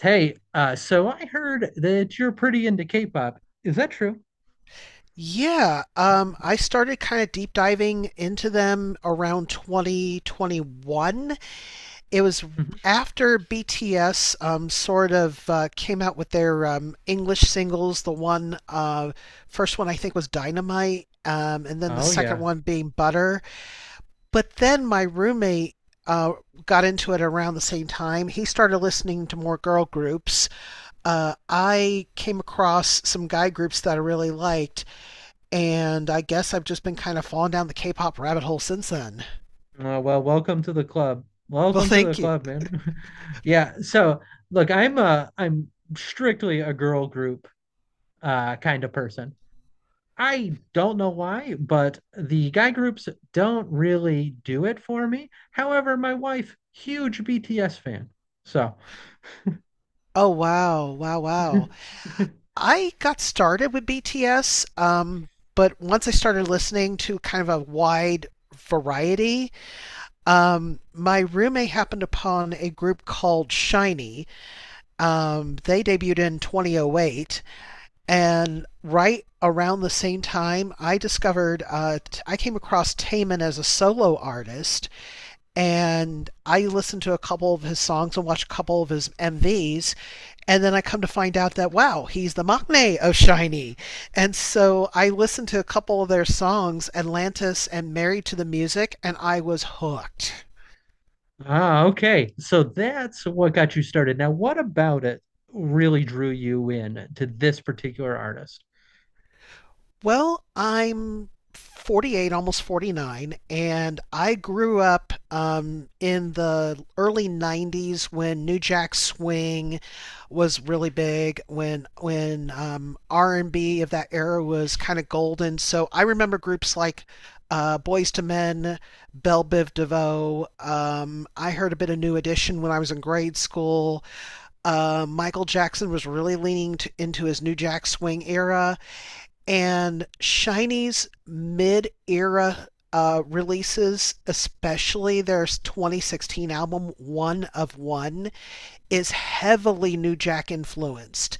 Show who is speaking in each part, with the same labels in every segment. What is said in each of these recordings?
Speaker 1: Hey, so I heard that you're pretty into K-pop. Is that true?
Speaker 2: Yeah, I started kind of deep diving into them around 2021. It was
Speaker 1: Mhm.
Speaker 2: after BTS sort of came out with their English singles. The first one I think was Dynamite, and then the
Speaker 1: Oh
Speaker 2: second
Speaker 1: yeah.
Speaker 2: one being Butter. But then my roommate uh, got into it around the same time. He started listening to more girl groups. I came across some guy groups that I really liked and I guess I've just been kind of falling down the K pop rabbit hole since then.
Speaker 1: Well, welcome to the club.
Speaker 2: Well,
Speaker 1: Welcome to the
Speaker 2: thank you.
Speaker 1: club, man. Yeah. So look, I'm strictly a girl group kind of person. I don't know why, but the guy groups don't really do it for me. However, my wife, huge BTS fan. So
Speaker 2: Oh, wow. Wow, wow. I got started with BTS, but once I started listening to kind of a wide variety, my roommate happened upon a group called Shinee. They debuted in 2008, and right around the same time, I discovered I came across Taman as a solo artist and I listened to a couple of his songs and watched a couple of his MVs. And then I come to find out that, wow, he's the Machne of Shiny. And so I listened to a couple of their songs, Atlantis and Married to the Music, and I was hooked.
Speaker 1: Ah, okay. So that's what got you started. Now, what about it really drew you in to this particular artist?
Speaker 2: Well, I'm 48, almost 49, and I grew up in the early 90s when New Jack Swing was really big, when R&B of that era was kind of golden. So I remember groups like Boys to Men, Belle Biv DeVoe. I heard a bit of New Edition when I was in grade school. Michael Jackson was really into his New Jack Swing era and Shiny's mid era releases, especially their 2016 album One of One, is heavily New Jack influenced.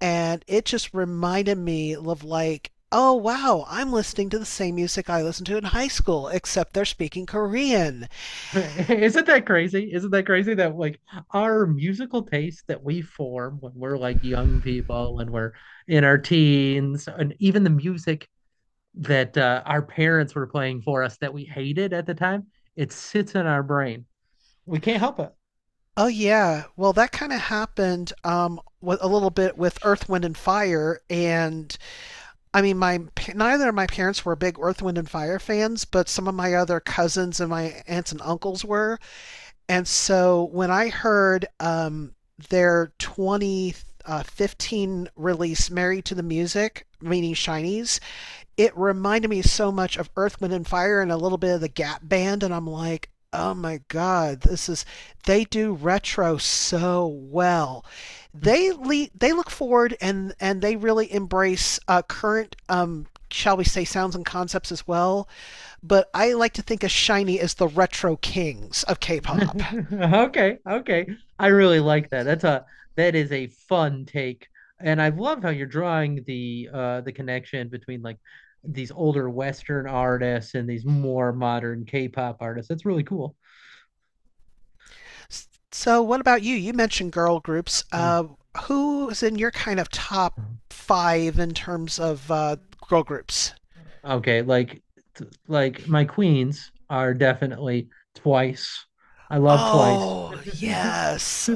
Speaker 2: And it just reminded me of like, oh wow, I'm listening to the same music I listened to in high school, except they're speaking Korean.
Speaker 1: Isn't that crazy? Isn't that crazy that like our musical taste that we form when we're like young people, when we're in our teens, and even the music that our parents were playing for us that we hated at the time, it sits in our brain. We can't help it.
Speaker 2: Oh yeah, well that kind of happened a little bit with Earth, Wind, and Fire, and I mean, my neither of my parents were big Earth, Wind, and Fire fans, but some of my other cousins and my aunts and uncles were. And so when I heard their 2015 release, Married to the Music, meaning Shinies, it reminded me so much of Earth, Wind, and Fire and a little bit of the Gap Band. And I'm like, oh my God, this is, they do retro so well. They look forward and they really embrace current, shall we say, sounds and concepts as well. But I like to think of Shiny as the retro kings of K pop.
Speaker 1: Okay, okay. I really like that. That is a fun take. And I love how you're drawing the connection between like these older Western artists and these more modern K-pop artists. That's really cool.
Speaker 2: So, what about you? You mentioned girl groups.
Speaker 1: Mm.
Speaker 2: Who's in your kind of top five in terms of girl groups?
Speaker 1: Okay, like like my queens are definitely twice. I love twice.
Speaker 2: Oh, yes.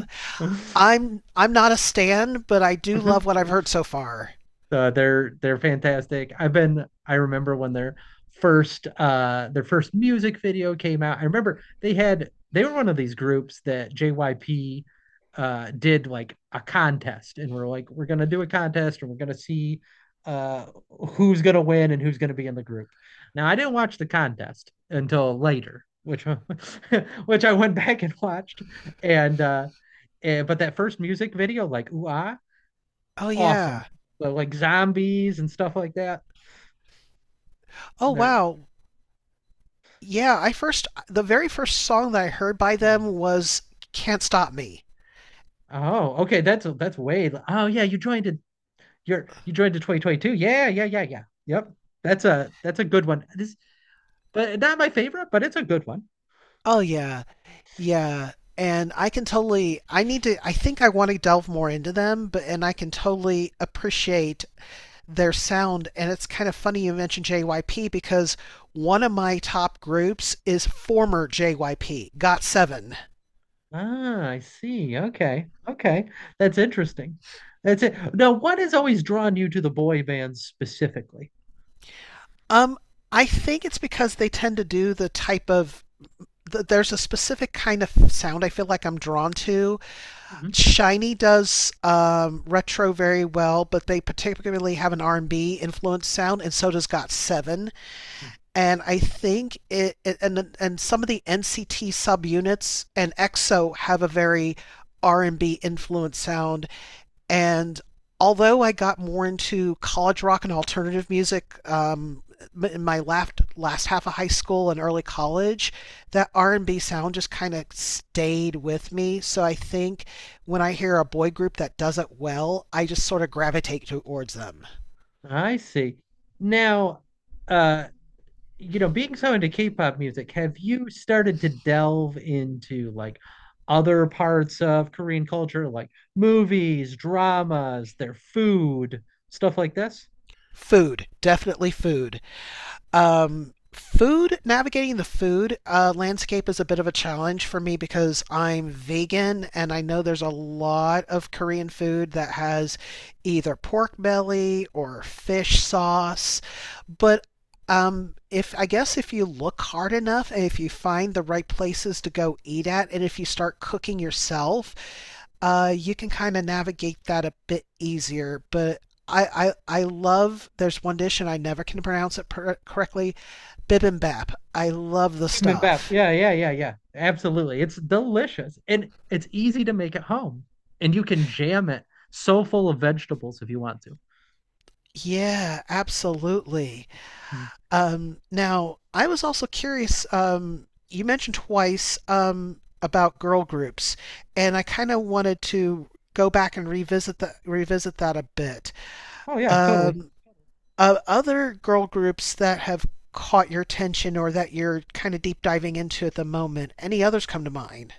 Speaker 2: I'm not a stan, but I do love what I've heard so far.
Speaker 1: They're fantastic. I remember when their first music video came out. I remember they were one of these groups that JYP did like a contest and we're like we're going to do a contest and we're going to see uh who's going to win and who's going to be in the group. Now I didn't watch the contest until later, which which I went back and watched and uh and but that first music video like ooh ah
Speaker 2: Oh
Speaker 1: awesome.
Speaker 2: yeah.
Speaker 1: So like zombies and stuff like that.
Speaker 2: Oh
Speaker 1: They're
Speaker 2: wow. Yeah, I first the very first song that I heard by them was Can't Stop Me.
Speaker 1: oh okay. That's way. Oh yeah, you joined it. You joined the 2022. Yeah, yeah, yeah, yeah. Yep. That's a good one. This but not my favorite, but it's a good one.
Speaker 2: Oh yeah. Yeah. And I think I want to delve more into them, but and I can totally appreciate their sound and it's kind of funny you mentioned JYP because one of my top groups is former JYP, Got7.
Speaker 1: Ah, I see. Okay. Okay. That's interesting. That's it. Now, what has always drawn you to the boy bands specifically?
Speaker 2: Um, I think it's because they tend to do there's a specific kind of sound I feel like I'm drawn to.
Speaker 1: Mhm.
Speaker 2: Shiny does retro very well, but they particularly have an R&B influenced sound, and so does Got7. And I think it and some of the NCT subunits and EXO have a very R&B influenced sound and although I got more into college rock and alternative music in my last half of high school and early college, that R&B sound just kind of stayed with me. So I think when I hear a boy group that does it well, I just sort of gravitate towards them.
Speaker 1: I see. Now, uh you know, being so into K-pop music, have you started to delve into like other parts of Korean culture, like movies, dramas, their food, stuff like this?
Speaker 2: Food, definitely food. Navigating the food landscape is a bit of a challenge for me because I'm vegan and I know there's a lot of Korean food that has either pork belly or fish sauce but if I guess if you look hard enough and if you find the right places to go eat at and if you start cooking yourself, you can kind of navigate that a bit easier. But I love. There's one dish, and I never can pronounce it correctly. Bibimbap. I love the
Speaker 1: Bibimbap.
Speaker 2: stuff.
Speaker 1: Yeah, yeah, yeah, yeah. Absolutely. It's delicious and it's easy to make at home. And you can jam it so full of vegetables if you want to.
Speaker 2: Yeah, absolutely.
Speaker 1: Hmm.
Speaker 2: Now I was also curious. You mentioned twice about girl groups, and I kind of wanted to go back and revisit that a bit.
Speaker 1: Oh yeah, totally.
Speaker 2: Um, Other girl groups that have caught your attention or that you're kind of deep diving into at the moment. Any others come to mind?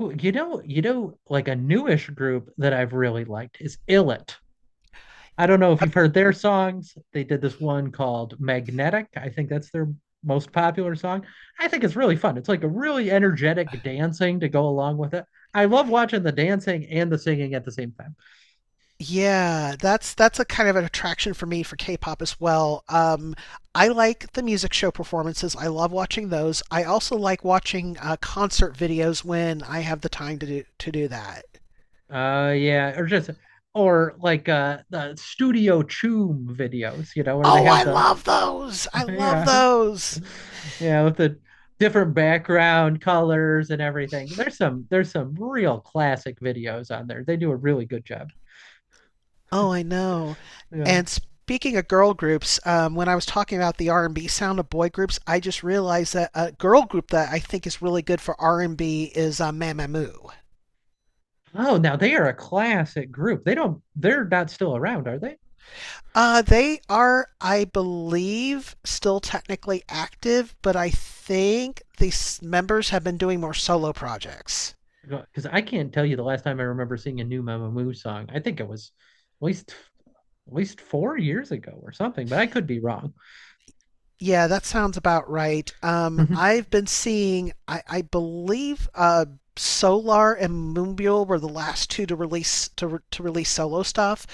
Speaker 1: Ooh, you know, you know, like a newish group that I've really liked is Illit. I don't know if you've heard their songs. They did this one called Magnetic. I think that's their most popular song. I think it's really fun. It's like a really energetic dancing to go along with it. I love watching the dancing and the singing at the same time.
Speaker 2: Yeah, that's a kind of an attraction for me for K-pop as well. I like the music show performances. I love watching those. I also like watching concert videos when I have the time to do that.
Speaker 1: Yeah, or just or like the Studio Choom videos, you know, where they
Speaker 2: Oh,
Speaker 1: have
Speaker 2: I
Speaker 1: the
Speaker 2: love those. I love
Speaker 1: yeah,
Speaker 2: those.
Speaker 1: yeah, with the different background colors and everything. There's some real classic videos on there. They do a really good job.
Speaker 2: Oh, I know.
Speaker 1: Yeah.
Speaker 2: And speaking of girl groups, when I was talking about the R&B sound of boy groups, I just realized that a girl group that I think is really good for R&B is Mamamoo.
Speaker 1: Oh, now they are a classic group. They don't, they're not still around, are they?
Speaker 2: They are, I believe, still technically active, but I think the members have been doing more solo projects.
Speaker 1: Because I can't tell you the last time I remember seeing a new Mama Moo song. I think it was at least at least 4 years ago or something, but I could be wrong.
Speaker 2: Yeah, that sounds about right. I've been seeing, I believe, Solar and Moonbull were the last two to release to release solo stuff.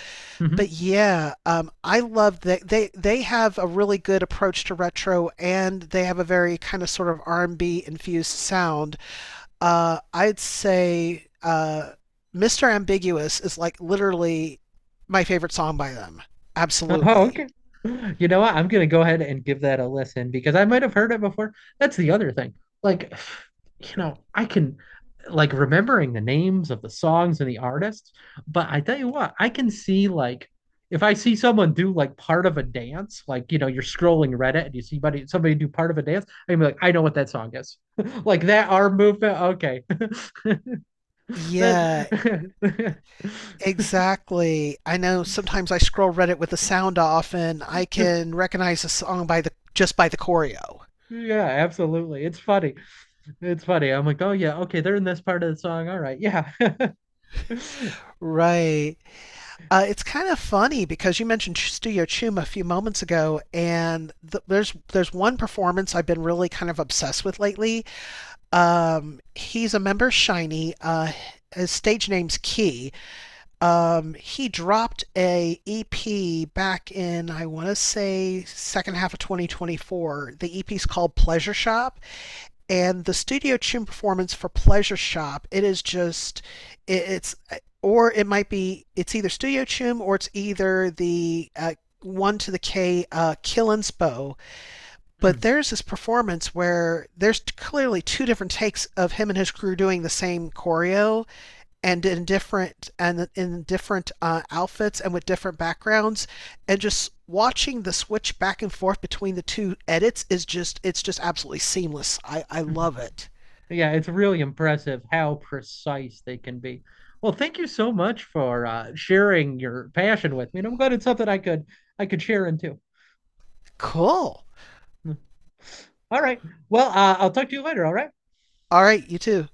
Speaker 2: But yeah, I love that they have a really good approach to retro, and they have a very kind of sort of R&B infused sound. I'd say Mr. Ambiguous is like literally my favorite song by them.
Speaker 1: Oh,
Speaker 2: Absolutely.
Speaker 1: okay. You know what? I'm gonna go ahead and give that a listen because I might have heard it before. That's the other thing. Like, you know, I can like remembering the names of the songs and the artists, but I tell you what, I can see like if I see someone do like part of a dance, like you know, you're scrolling Reddit and you see somebody do part of a dance, I can be like, I know what that song is. Like that arm movement. Okay. That
Speaker 2: Yeah, exactly. I know sometimes I scroll Reddit with the sound off and I can recognize a song by the just by the choreo.
Speaker 1: Yeah, absolutely. It's funny. It's funny. I'm like, oh yeah, okay, they're in this part of the song. All right, yeah.
Speaker 2: Right. It's kind of funny because you mentioned Studio Chum a few moments ago, and there's one performance I've been really kind of obsessed with lately. He's a member of Shiny. His stage name's Key. He dropped a EP back in I want to say second half of 2024. The EP's called Pleasure Shop, and the studio tune performance for Pleasure Shop. It is just it, it's or it might be it's either studio tune or it's either the one to the K Killin's Bow, but
Speaker 1: Mm.
Speaker 2: there's this performance where there's clearly two different takes of him and his crew doing the same choreo and in different outfits and with different backgrounds, and just watching the switch back and forth between the two edits is just it's just absolutely seamless. I love it.
Speaker 1: Yeah, it's really impressive how precise they can be. Well, thank you so much for sharing your passion with me, and I'm glad it's something I could share into.
Speaker 2: Cool.
Speaker 1: Mm. All right. Well, I'll talk to you later. All right.
Speaker 2: All right, you too.